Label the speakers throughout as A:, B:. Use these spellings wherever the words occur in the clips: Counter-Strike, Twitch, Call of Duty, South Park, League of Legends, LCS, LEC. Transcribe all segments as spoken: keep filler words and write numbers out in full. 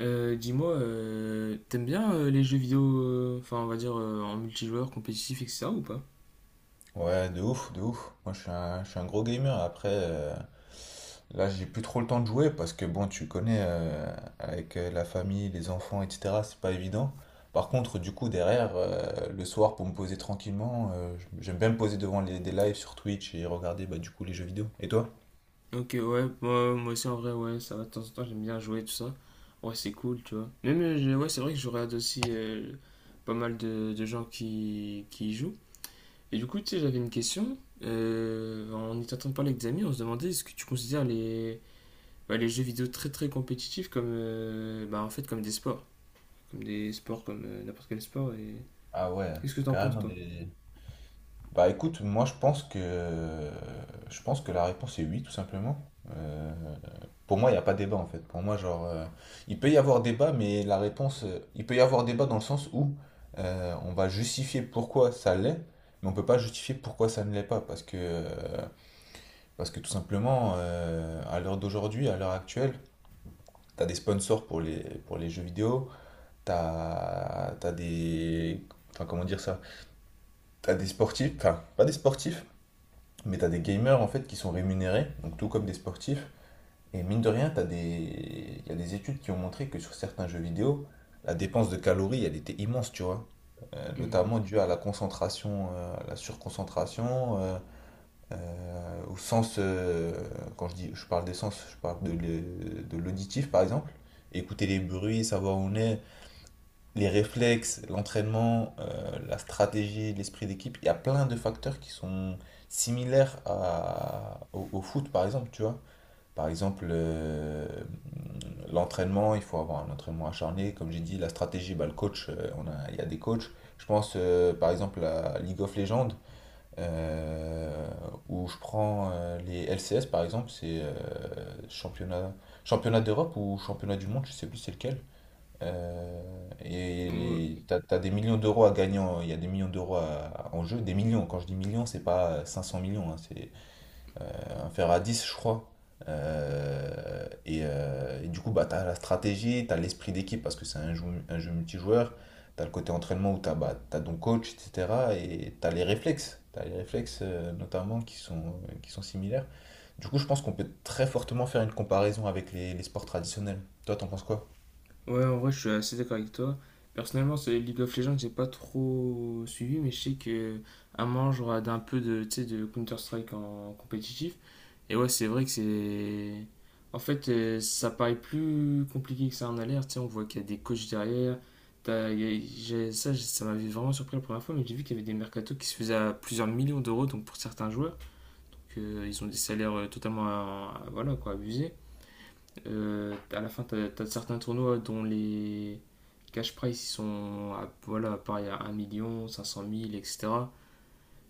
A: Euh, dis-moi, euh, t'aimes bien euh, les jeux vidéo, euh, enfin on va dire euh, en multijoueur, compétitif, et etc. ou pas?
B: Ouais, de ouf, de ouf. Moi, je suis un, je suis un gros gamer. Après, euh, là, j'ai plus trop le temps de jouer parce que, bon, tu connais, euh, avec euh, la famille, les enfants, et cetera, c'est pas évident. Par contre, du coup, derrière, euh, le soir, pour me poser tranquillement, euh, j'aime bien me poser devant les, des lives sur Twitch et regarder, bah, du coup, les jeux vidéo. Et toi?
A: Ok, ouais, moi, moi aussi en vrai, ouais, ça va, de temps en temps j'aime bien jouer, tout ça. Ouais, c'est cool, tu vois. Même, euh, je- ouais, c'est vrai que je regarde aussi euh, pas mal de, de gens qui, qui y jouent. Et du coup, tu sais, j'avais une question. Euh, en étant en train de parler avec des amis, on se demandait est-ce que tu considères les, bah, les jeux vidéo très très compétitifs comme, euh, bah, en fait, comme des sports. Comme des sports, comme euh, n'importe quel sport. Et
B: Ah ouais,
A: qu'est-ce que t'en penses,
B: carrément
A: toi?
B: des... Bah écoute, moi je pense que je pense que la réponse est oui, tout simplement. Euh, pour moi, il n'y a pas débat en fait. Pour moi, genre, euh, il peut y avoir débat, mais la réponse, euh, il peut y avoir débat dans le sens où euh, on va justifier pourquoi ça l'est, mais on peut pas justifier pourquoi ça ne l'est pas, parce que euh, parce que tout simplement, euh, à l'heure d'aujourd'hui, à l'heure actuelle, t'as des sponsors pour les pour les jeux vidéo, t'as t'as des, enfin comment dire ça, t'as des sportifs, enfin pas des sportifs. Mais t'as des gamers en fait qui sont rémunérés, donc tout comme des sportifs. Et mine de rien, t'as des... il y a des études qui ont montré que sur certains jeux vidéo, la dépense de calories, elle était immense, tu vois. Euh, notamment due à la concentration, euh, à la surconcentration, euh, euh, au sens, euh, quand je dis, je parle des sens, je parle de l'e- de l'auditif par exemple. Écouter les bruits, savoir où on est, les réflexes, l'entraînement, euh, la stratégie, l'esprit d'équipe, il y a plein de facteurs qui sont similaires à- au, au foot, par exemple, tu vois. Par exemple, euh, l'entraînement, il faut avoir un entraînement acharné. Comme j'ai dit, la stratégie, bah, le coach, euh, on a, il y a des coachs. Je pense, euh, par exemple, à League of Legends, euh, où je prends euh, les L C S, par exemple, c'est euh, championnat, championnat d'Europe ou championnat du monde, je sais plus c'est lequel. Euh, et
A: Ouais,
B: les- t'as, t'as des millions d'euros à gagner, en- il y a des millions d'euros à- en jeu, des millions. Quand je dis millions, c'est pas euh, cinq cents millions, hein, c'est un fer à dix, je crois. Euh, et, euh, et du coup, bah, t'as la stratégie, t'as l'esprit d'équipe parce que c'est un jeu, un jeu multijoueur. T'as le côté entraînement où t'as, bah, t'as ton coach, et cetera. Et t'as les réflexes, t'as les réflexes euh, notamment qui sont, euh, qui sont similaires. Du coup, je pense qu'on peut très fortement faire une comparaison avec les, les sports traditionnels. Toi, t'en penses quoi?
A: ouais, en vrai, je suis assez d'accord avec toi. Personnellement, ce League of Legends, j'ai pas trop suivi, mais je sais que à un moment, je regarde un peu de, tu sais, de Counter-Strike en compétitif. Et ouais, c'est vrai que c'est. En fait, euh, ça paraît plus compliqué que ça en a l'air. Tu sais, on voit qu'il y a des coachs derrière. T'as- il y a- j'ai- Ça, j'ai- Ça m'avait vraiment surpris la première fois, mais j'ai vu qu'il y avait des mercatos qui se faisaient à plusieurs millions d'euros, donc pour certains joueurs, qu'ils ont des salaires euh, totalement, euh, voilà, quoi, abusés. Euh, à la fin, tu as, certains tournois dont les cash price ils sont à, voilà, pareil à un million, cinq cent mille, et cetera. Et cetera.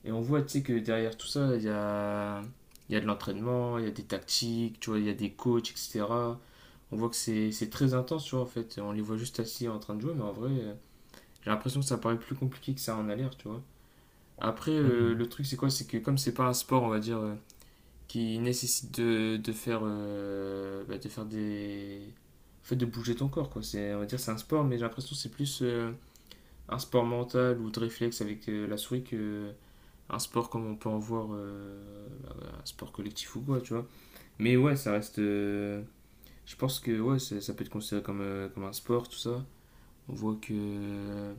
A: Et on voit tu sais, que derrière tout ça, il y a, il y a de l'entraînement, il y a des tactiques, tu vois, il y a des coachs, et cetera. On voit que c'est c'est très intense, tu vois, en fait. On les voit juste assis en train de jouer, mais en vrai, euh, j'ai l'impression que ça paraît plus compliqué que ça en a l'air, tu vois. Après, euh, le truc, c'est quoi? C'est que comme c'est pas un sport, on va dire, euh, qui nécessite de, de faire, euh, bah, de faire des. En fait, de bouger ton corps, quoi. C'est, on va dire c'est un sport, mais j'ai l'impression que c'est plus euh, un sport mental ou de réflexe avec euh, la souris que un sport comme on peut en voir, euh, bah, un sport collectif ou quoi, tu vois. Mais ouais, ça reste. euh, je pense que ouais, ça, ça peut être considéré comme, euh, comme un sport, tout ça. On voit que euh,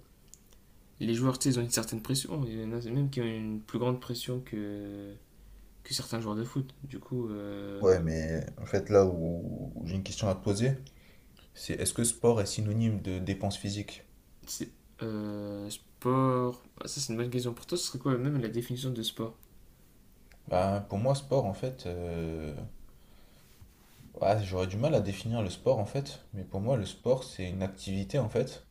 A: les joueurs, tu sais, ils ont une certaine pression. Il y en a même qui ont une plus grande pression que, que certains joueurs de foot. Du coup, euh,
B: Ouais, mais en fait, là où, où j'ai une question à te poser, c'est est-ce que sport est synonyme de dépense physique?
A: C'est- euh, sport. Ah, ça, c'est une bonne question. Pour toi, ce serait quoi même la définition de sport?
B: Bah, pour moi, sport, en fait, euh, ouais, j'aurais du mal à définir le sport, en fait, mais pour moi, le sport, c'est une activité, en fait,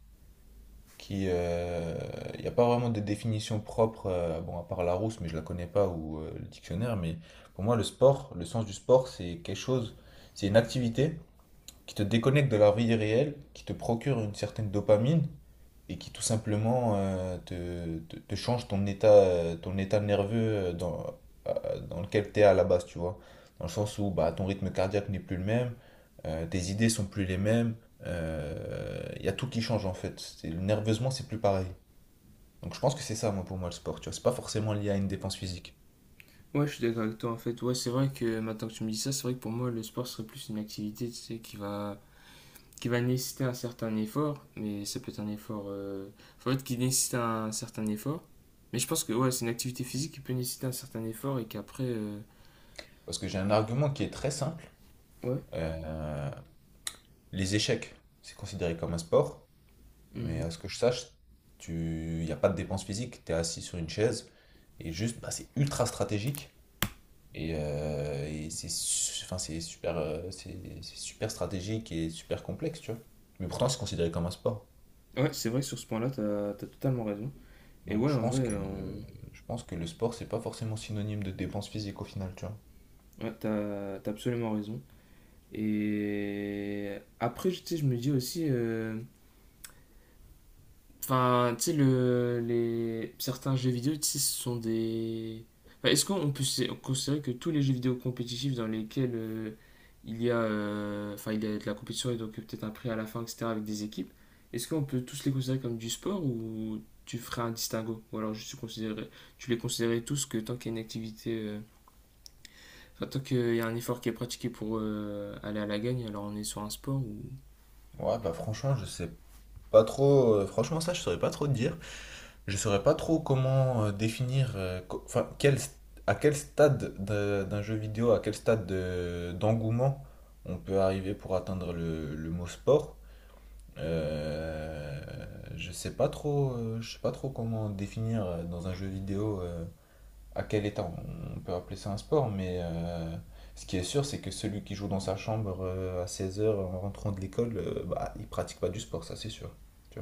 B: qui. Il n'y a pas vraiment de définition propre, euh, bon, à part Larousse, mais je la connais pas, ou euh, le dictionnaire, mais pour moi, le sport, le sens du sport, c'est quelque chose, c'est une activité qui te déconnecte de la vie réelle, qui te procure une certaine dopamine et qui tout simplement euh, te, te- te change ton état, euh, ton état nerveux euh, dans, euh, dans lequel tu es à la base, tu vois. Dans le sens où bah, ton rythme cardiaque n'est plus le même, euh, tes idées sont plus les mêmes, euh, il y a tout qui change en fait. C'est- Nerveusement, c'est plus pareil. Donc je pense que c'est ça, moi, pour moi, le sport, tu vois. C'est pas forcément lié à une dépense physique.
A: Ouais, je suis d'accord avec toi en fait. Ouais, c'est vrai que maintenant que tu me dis ça, c'est vrai que pour moi, le sport serait plus une activité, tu sais, qui va, qui va nécessiter un certain effort, mais ça peut être un effort. euh, En fait, qui nécessite un certain effort. Mais je pense que ouais, c'est une activité physique qui peut nécessiter un certain effort et qu'après. euh,
B: Parce que j'ai un argument qui est très simple.
A: Ouais.
B: Euh, les échecs, c'est considéré comme un sport. Mais
A: Mhm.
B: à ce que je sache, tu, y a pas de dépense physique. Tu es assis sur une chaise et juste, bah, c'est ultra stratégique. Et, euh, et c'est su- enfin, c'est super, euh, c'est c'est super stratégique et super complexe, tu vois. Mais pourtant, c'est considéré comme un sport.
A: Ouais, c'est vrai que sur ce point-là, t'as, t'as totalement raison. Et
B: Donc,
A: ouais,
B: je
A: en
B: pense
A: vrai,
B: que,
A: euh,
B: euh,
A: on-
B: je pense que le sport, c'est pas forcément synonyme de dépense physique au final, tu vois.
A: ouais, t'as, t'as absolument raison. Et après, tu sais, je me dis aussi, euh, enfin, tu sais, le, les, certains jeux vidéo, tu sais, ce sont des... Enfin, est-ce qu'on peut sé- considérer que tous les jeux vidéo compétitifs dans lesquels euh, il y a, euh, enfin, il y a de la compétition et donc peut-être un prix à la fin, et cetera, avec des équipes, est-ce qu'on peut tous les considérer comme du sport ou tu ferais un distinguo? Ou alors juste tu considérerais- tu les considérais tous que tant qu'il y a une activité, euh, enfin, tant qu'il y a un effort qui est pratiqué pour euh, aller à la gagne, alors on est sur un sport ou...
B: Ouais, bah franchement, je sais pas trop. Euh, franchement, ça, je saurais pas trop te dire. Je saurais pas trop comment euh, définir, euh, co- enfin, quel st- à quel stade d'un d'un jeu vidéo, à quel stade de- d'engouement on peut arriver pour atteindre le, le mot sport. Euh, je sais pas trop, euh, je sais pas trop comment définir euh, dans un jeu vidéo euh, à quel état on, on peut appeler ça un sport, mais euh, ce qui est sûr, c'est que celui qui joue dans sa chambre euh, à seize heures en rentrant de l'école, euh, bah, il pratique pas du sport, ça c'est sûr. Tu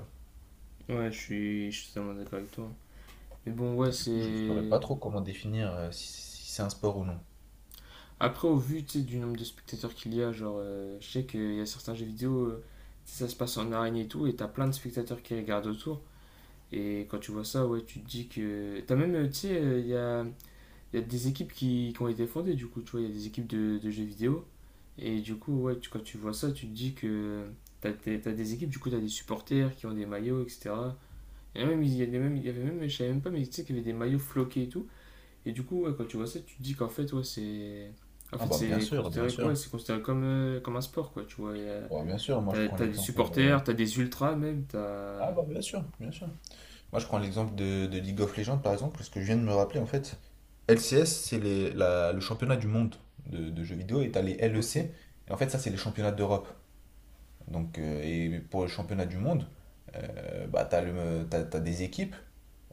A: Ouais, je suis, je suis totalement d'accord avec toi. Mais bon, ouais,
B: Du coup, je ne saurais
A: c'est.
B: pas trop comment définir euh, si, si c'est un sport ou non.
A: Après, au vu, tu sais, du nombre de spectateurs qu'il y a, genre, euh, je sais qu'il y a certains jeux vidéo, euh, tu sais, ça se passe en arène et tout, et t'as plein de spectateurs qui regardent autour. Et quand tu vois ça, ouais, tu te dis que. T'as même, euh, tu sais, euh, il y a, il y a des équipes qui, qui ont été fondées, du coup, tu vois, il y a des équipes de, de jeux vidéo. Et du coup, ouais, tu- quand tu vois ça, tu te dis que t'as t'as- t'as des équipes, du coup, t'as des supporters qui ont des maillots, et cetera. Et même, il y a des- même, il y avait même, je savais même pas, mais tu sais qu'il y avait des maillots floqués et tout. Et du coup, ouais, quand tu vois ça, tu te dis qu'en fait, ouais, c'est. En
B: Ah
A: fait,
B: bah bien
A: c'est
B: sûr, bien
A: considéré, ouais,
B: sûr.
A: c'est considéré comme, euh, comme un sport, quoi. Tu vois, y a-
B: Oh, bien sûr, moi je
A: t'as,
B: prends
A: t'as des
B: l'exemple... euh,
A: supporters, t'as des ultras même,
B: Ah
A: t'as.
B: bah bien sûr, bien sûr. Moi je prends l'exemple de, de League of Legends par exemple, parce que je viens de me rappeler en fait. L C S, c'est les- la- le championnat du monde de, de jeux vidéo, et t'as les
A: Ok.
B: L E C, et en fait ça c'est les championnats d'Europe. Donc, euh, et pour le championnat du monde, euh, bah, tu as, des équipes,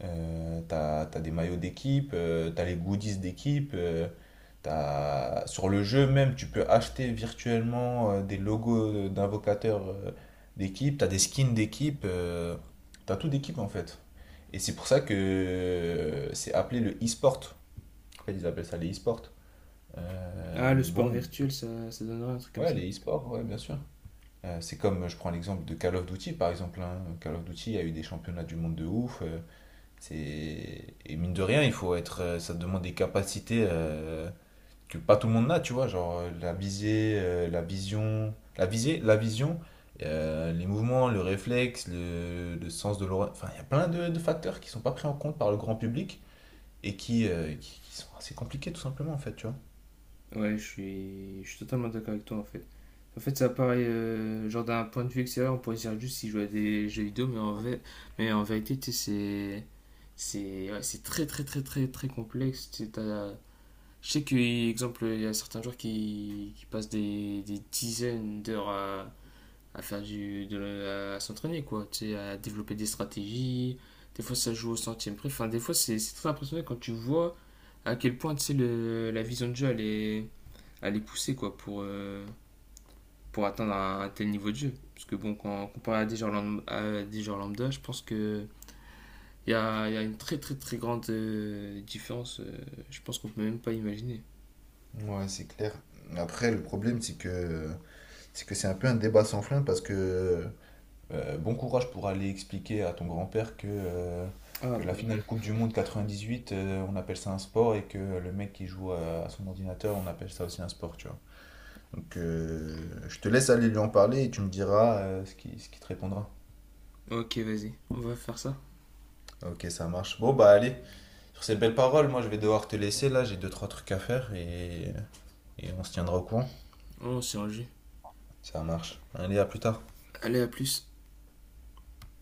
B: euh, tu as, des maillots d'équipe, euh, tu as les goodies d'équipe, euh, t'as- sur le jeu même, tu peux acheter virtuellement euh, des logos d'invocateurs euh, d'équipe, tu as des skins d'équipe, euh, tu as tout d'équipe en fait. Et c'est pour ça que euh, c'est appelé le e-sport. En fait, ils appellent ça les e-sports.
A: Ah,
B: Euh,
A: le
B: mais
A: sport
B: bon,
A: virtuel, ça, ça donnerait un truc comme
B: ouais,
A: ça.
B: les e-sports, ouais, bien sûr. Euh, c'est comme, je prends l'exemple de Call of Duty, par exemple. Hein. Call of Duty a eu des championnats du monde de ouf. Euh, c'est... Et mine de rien, il faut être, euh, ça demande des capacités euh, que pas tout le monde n'a, tu vois. Genre euh, la visée, euh, la vision, la visée, la vision, euh, les mouvements, le réflexe, le, le sens de l'oreille. Enfin, il y a plein de, de facteurs qui sont pas pris en compte par le grand public et qui, euh, qui, qui sont assez compliqués, tout simplement, en fait, tu vois.
A: Ouais, je suis, je suis totalement d'accord avec toi, en fait. En fait, ça paraît, euh, genre d'un point de vue extérieur, on pourrait dire juste s'ils jouaient à des jeux vidéo, mais en, vrai- mais en vérité, tu sais, c'est. C'est ouais, c'est très, très, très, très, très complexe. Tu sais, t'as- Je sais qu'exemple, il y a certains joueurs qui, qui passent des, des dizaines d'heures à, à faire du, de, la- à s'entraîner, quoi. Tu sais, à développer des stratégies. Des fois, ça joue au centième près. Enfin, des fois, c'est c'est très impressionnant quand tu vois à quel point, tu sais, le- la vision de jeu, elle est, elle est poussée, quoi, pour, euh, pour atteindre un, un tel niveau de jeu. Parce que, bon, quand comparé à des joueurs lambda, à des joueurs lambda, je pense que il y a, il y a une très, très, très grande euh, différence. euh, je pense qu'on peut même pas imaginer.
B: Ouais, c'est clair. Après, le problème, c'est que c'est que c'est un peu un débat sans fin parce que Euh, bon courage pour aller expliquer à ton grand-père que, euh,
A: Ah,
B: que la
A: bah...
B: finale Coupe du Monde quatre-vingt-dix-huit, euh, on appelle ça un sport et que le mec qui joue à, à son ordinateur, on appelle ça aussi un sport, tu vois. Donc euh, je te laisse aller lui en parler et tu me diras euh, ce qui, ce qui te répondra.
A: Ok, vas-y, on va faire ça.
B: Ok, ça marche. Bon, bah allez, sur ces belles paroles, moi je vais devoir te laisser là, j'ai deux, trois trucs à faire et, et on se tiendra au courant.
A: On s'est un.
B: Ça marche. Allez, à plus tard.
A: Allez, à plus.